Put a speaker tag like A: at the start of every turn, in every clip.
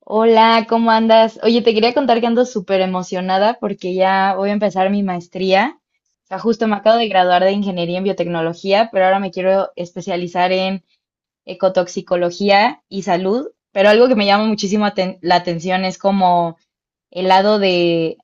A: Hola, ¿cómo andas? Oye, te quería contar que ando súper emocionada porque ya voy a empezar mi maestría. O sea, justo me acabo de graduar de ingeniería en biotecnología, pero ahora me quiero especializar en ecotoxicología y salud. Pero algo que me llama muchísimo la atención es como el lado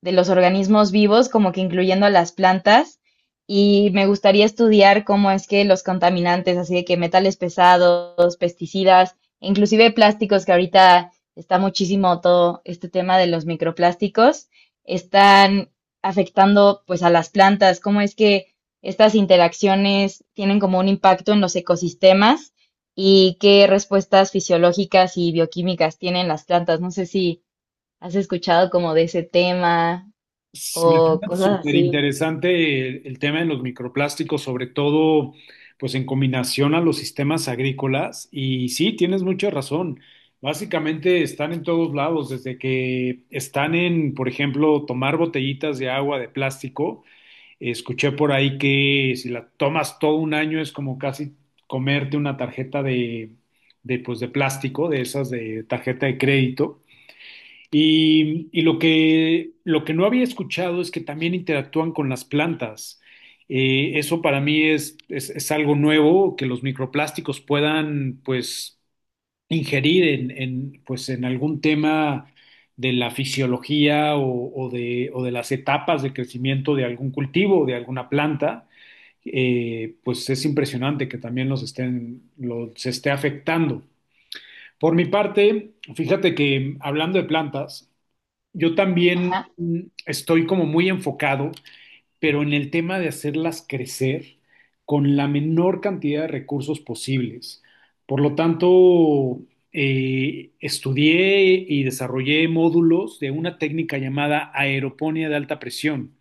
A: de los organismos vivos, como que incluyendo a las plantas, y me gustaría estudiar cómo es que los contaminantes, así de que metales pesados, pesticidas, inclusive plásticos, que ahorita está muchísimo todo este tema de los microplásticos, están afectando pues a las plantas, cómo es que estas interacciones tienen como un impacto en los ecosistemas y qué respuestas fisiológicas y bioquímicas tienen las plantas. No sé si ¿Has escuchado como de ese tema
B: Me
A: o
B: suena
A: cosas
B: súper
A: así?
B: interesante el tema de los microplásticos, sobre todo pues en combinación a los sistemas agrícolas. Y sí, tienes mucha razón. Básicamente están en todos lados, desde que están en, por ejemplo, tomar botellitas de agua de plástico. Escuché por ahí que si la tomas todo un año es como casi comerte una tarjeta de, de plástico, de esas de tarjeta de crédito. Y lo que no había escuchado es que también interactúan con las plantas. Eso para mí es algo nuevo, que los microplásticos puedan pues ingerir en, pues, en algún tema de la fisiología o de las etapas de crecimiento de algún cultivo o de alguna planta. Pues es impresionante que también los esté afectando. Por mi parte, fíjate que hablando de plantas, yo también
A: Ajá,
B: estoy como muy enfocado, pero en el tema de hacerlas crecer con la menor cantidad de recursos posibles. Por lo tanto, estudié y desarrollé módulos de una técnica llamada aeroponía de alta presión,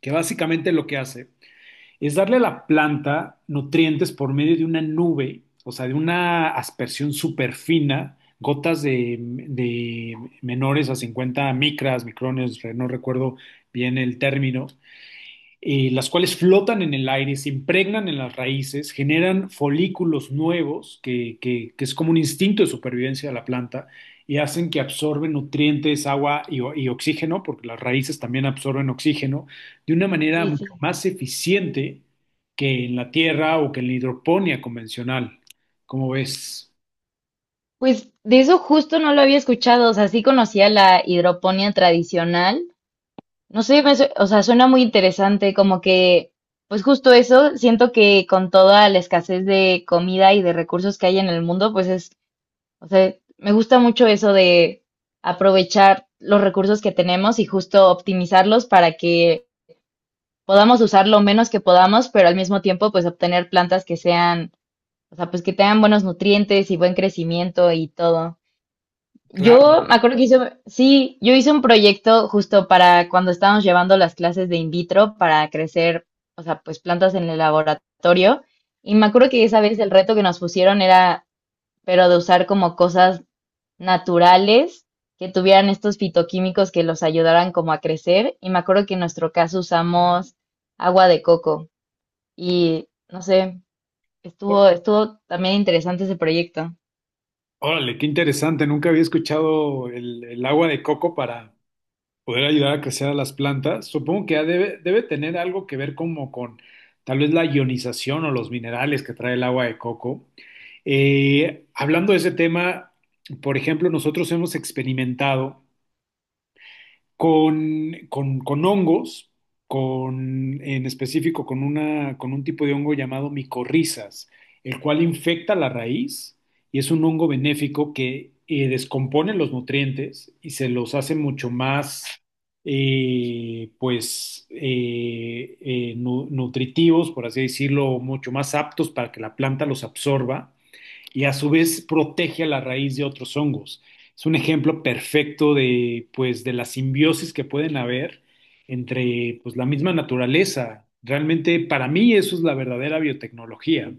B: que básicamente lo que hace es darle a la planta nutrientes por medio de una nube, o sea, de una aspersión súper fina, gotas de menores a 50 micras, micrones, no recuerdo bien el término, las cuales flotan en el aire, se impregnan en las raíces, generan folículos nuevos, que es como un instinto de supervivencia de la planta, y hacen que absorben nutrientes, agua y oxígeno, porque las raíces también absorben oxígeno, de una manera
A: sí, sí.
B: mucho más eficiente que en la tierra o que en la hidroponía convencional. ¿Cómo ves?
A: Pues de eso justo no lo había escuchado, o sea, sí conocía la hidroponía tradicional. No sé, o sea, suena muy interesante, como que, pues justo eso, siento que con toda la escasez de comida y de recursos que hay en el mundo, pues es, o sea, me gusta mucho eso de aprovechar los recursos que tenemos y justo optimizarlos para que podamos usar lo menos que podamos, pero al mismo tiempo, pues obtener plantas que sean, o sea, pues que tengan buenos nutrientes y buen crecimiento y todo.
B: Claro.
A: Yo me acuerdo que hice, sí, yo hice un proyecto justo para cuando estábamos llevando las clases de in vitro para crecer, o sea, pues plantas en el laboratorio. Y me acuerdo que esa vez el reto que nos pusieron era, pero de usar como cosas naturales que tuvieran estos fitoquímicos que los ayudaran como a crecer. Y me acuerdo que en nuestro caso usamos agua de coco. Y no sé,
B: Ó-
A: estuvo también interesante ese proyecto.
B: Órale, qué interesante. Nunca había escuchado el agua de coco para poder ayudar a crecer a las plantas. Supongo que ya debe tener algo que ver como con tal vez la ionización o los minerales que trae el agua de coco. Hablando de ese tema, por ejemplo, nosotros hemos experimentado con hongos, en específico con un tipo de hongo llamado micorrizas, el cual infecta la raíz y es un hongo benéfico que descompone los nutrientes y se los hace mucho más, nutritivos, por así decirlo, mucho más aptos para que la planta los absorba y a su vez protege a la raíz de otros hongos. Es un ejemplo perfecto de, pues, de la simbiosis que pueden haber entre, pues, la misma naturaleza. Realmente, para mí, eso es la verdadera biotecnología.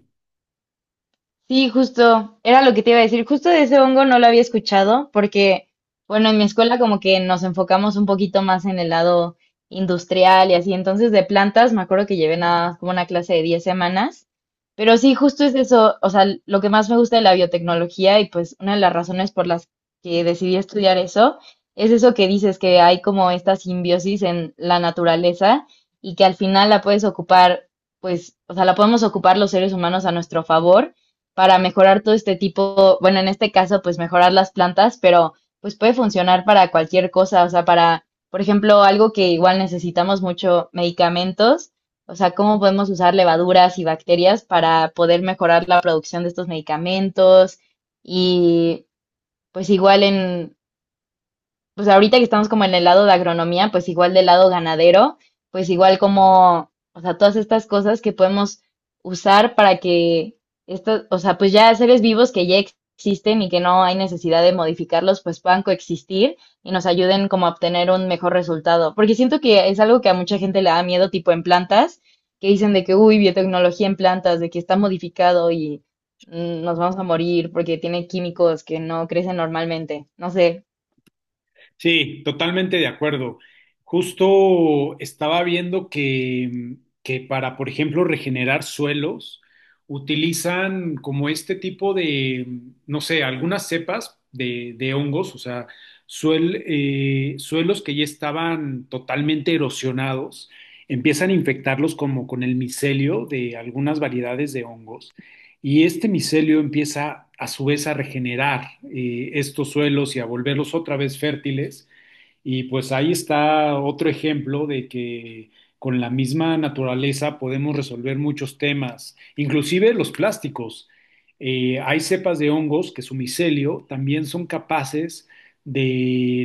A: Sí, justo, era lo que te iba a decir. Justo de ese hongo no lo había escuchado porque, bueno, en mi escuela como que nos enfocamos un poquito más en el lado industrial y así. Entonces, de plantas, me acuerdo que llevé nada, como una clase de 10 semanas. Pero sí, justo es eso, o sea, lo que más me gusta de la biotecnología y pues una de las razones por las que decidí estudiar eso es eso que dices, que hay como esta simbiosis en la naturaleza y que al final la puedes ocupar, pues, o sea, la podemos ocupar los seres humanos a nuestro favor para mejorar todo este tipo, bueno, en este caso, pues mejorar las plantas, pero pues puede funcionar para cualquier cosa, o sea, para, por ejemplo, algo que igual necesitamos mucho, medicamentos, o sea, cómo podemos usar levaduras y bacterias para poder mejorar la producción de estos medicamentos y pues igual en pues ahorita que estamos como en el lado de agronomía, pues igual del lado ganadero, pues igual como, o sea, todas estas cosas que podemos usar para que estos, o sea, pues ya seres vivos que ya existen y que no hay necesidad de modificarlos, pues puedan coexistir y nos ayuden como a obtener un mejor resultado. Porque siento que es algo que a mucha gente le da miedo, tipo en plantas, que dicen de que, uy, biotecnología en plantas, de que está modificado y nos vamos a morir porque tiene químicos que no crecen normalmente. No sé.
B: Sí, totalmente de acuerdo. Justo estaba viendo que para, por ejemplo, regenerar suelos, utilizan como este tipo de, no sé, algunas cepas de hongos, o sea, suelos que ya estaban totalmente erosionados, empiezan a infectarlos como con el micelio de algunas variedades de hongos. Y este micelio empieza a su vez a regenerar estos suelos y a volverlos otra vez fértiles y pues ahí está otro ejemplo de que con la misma naturaleza podemos resolver muchos temas, inclusive los plásticos. Hay cepas de hongos que su micelio también son capaces de,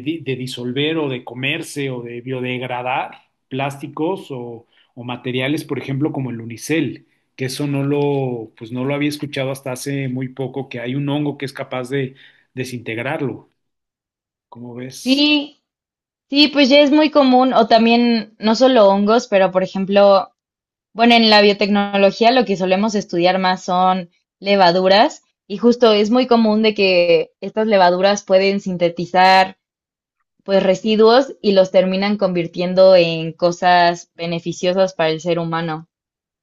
B: di- de disolver o de comerse o de biodegradar plásticos o materiales, por ejemplo, como el unicel, que eso pues no lo había escuchado hasta hace muy poco, que hay un hongo que es capaz de desintegrarlo. ¿Cómo ves?
A: Sí, sí, pues ya es muy común, o también no solo hongos, pero por ejemplo, bueno, en la biotecnología lo que solemos estudiar más son levaduras y justo es muy común de que estas levaduras pueden sintetizar pues residuos y los terminan convirtiendo en cosas beneficiosas para el ser humano.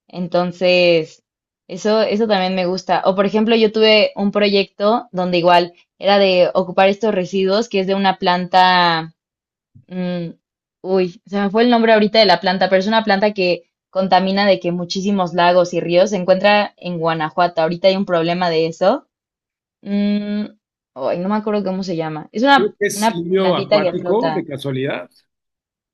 A: Entonces, eso también me gusta. O por ejemplo, yo tuve un proyecto donde igual era de ocupar estos residuos que es de una planta. Mm, uy, se me fue el nombre ahorita de la planta, pero es una planta que contamina de que muchísimos lagos y ríos. Se encuentra en Guanajuato. Ahorita hay un problema de eso. Mm, ay, no me acuerdo cómo se llama. Es
B: Creo que es
A: una
B: lirio
A: plantita que
B: acuático, de
A: flota.
B: casualidad.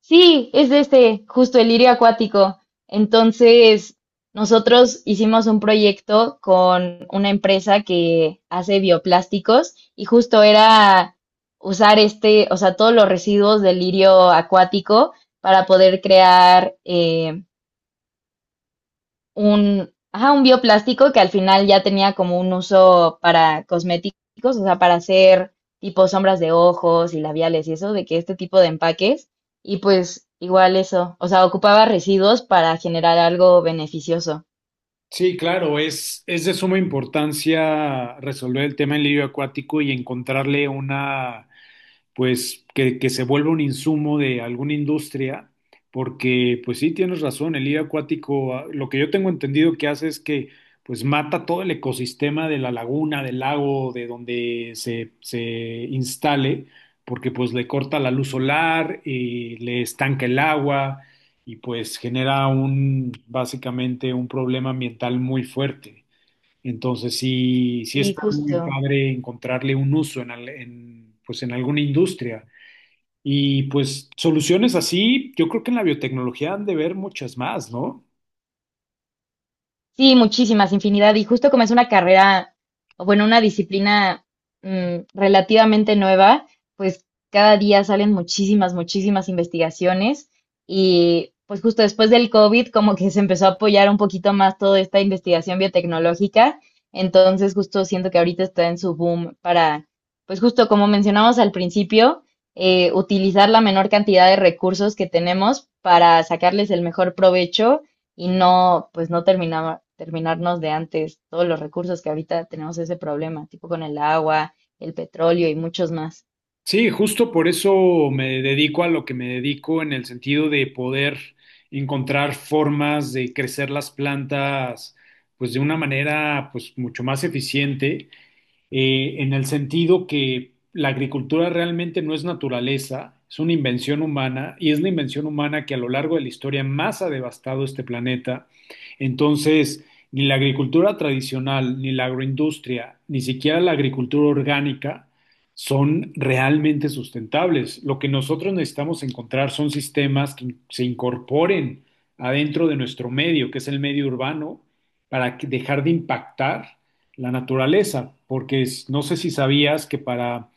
A: Sí, es de este, justo el lirio acuático. Entonces, nosotros hicimos un proyecto con una empresa que hace bioplásticos y justo era usar este, o sea, todos los residuos del lirio acuático para poder crear un, ajá, un bioplástico que al final ya tenía como un uso para cosméticos, o sea, para hacer tipo sombras de ojos y labiales y eso, de que este tipo de empaques, y pues igual eso, o sea, ocupaba residuos para generar algo beneficioso.
B: Sí, claro, es de suma importancia resolver el tema del lirio acuático y encontrarle una pues que se vuelva un insumo de alguna industria, porque pues sí, tienes razón, el lirio acuático, ah, lo que yo tengo entendido que hace es que pues mata todo el ecosistema de la laguna, del lago, de donde se instale, porque pues le corta la luz solar, y le estanca el agua y pues genera un, básicamente un problema ambiental muy fuerte. Entonces sí
A: Sí,
B: está muy
A: justo.
B: padre encontrarle un uso en, pues en alguna industria. Y pues soluciones así, yo creo que en la biotecnología han de ver muchas más, ¿no?
A: Sí, muchísimas, infinidad. Y justo como es una carrera, o bueno, una disciplina relativamente nueva, pues cada día salen muchísimas, muchísimas investigaciones y pues justo después del COVID como que se empezó a apoyar un poquito más toda esta investigación biotecnológica. Entonces justo siento que ahorita está en su boom para, pues justo como mencionamos al principio, utilizar la menor cantidad de recursos que tenemos para sacarles el mejor provecho y no, pues no terminaba, terminarnos de antes todos los recursos que ahorita tenemos ese problema, tipo con el agua, el petróleo y muchos más.
B: Sí, justo por eso me dedico a lo que me dedico en el sentido de poder encontrar formas de crecer las plantas pues de una manera pues mucho más eficiente en el sentido que la agricultura realmente no es naturaleza, es una invención humana y es la invención humana que a lo largo de la historia más ha devastado este planeta. Entonces, ni la agricultura tradicional, ni la agroindustria, ni siquiera la agricultura orgánica son realmente sustentables. Lo que nosotros necesitamos encontrar son sistemas que se incorporen adentro de nuestro medio, que es el medio urbano, para que- dejar de impactar la naturaleza, porque es- no sé si sabías que para,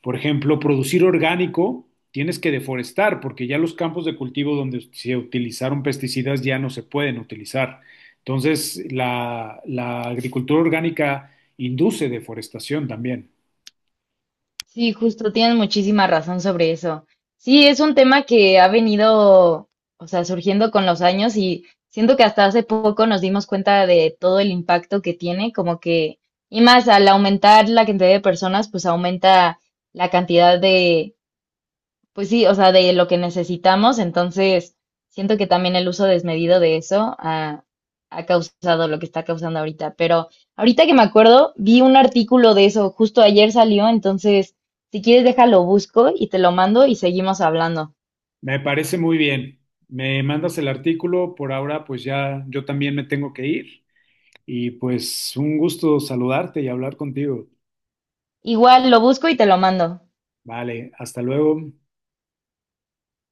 B: por ejemplo, producir orgánico, tienes que deforestar, porque ya los campos de cultivo donde se utilizaron pesticidas ya no se pueden utilizar. Entonces, la agricultura orgánica induce deforestación también.
A: Sí, justo, tienes muchísima razón sobre eso. Sí, es un tema que ha venido, o sea, surgiendo con los años y siento que hasta hace poco nos dimos cuenta de todo el impacto que tiene, como que, y más al aumentar la cantidad de personas, pues aumenta la cantidad de pues sí, o sea, de lo que necesitamos, entonces siento que también el uso desmedido de eso ha causado lo que está causando ahorita. Pero ahorita que me acuerdo, vi un artículo de eso, justo ayer salió, entonces si quieres déjalo busco y te lo mando y seguimos hablando.
B: Me parece muy bien. Me mandas el artículo, por ahora pues ya yo también me tengo que ir y pues un gusto saludarte y hablar contigo.
A: Igual lo busco y te lo mando.
B: Vale, hasta luego.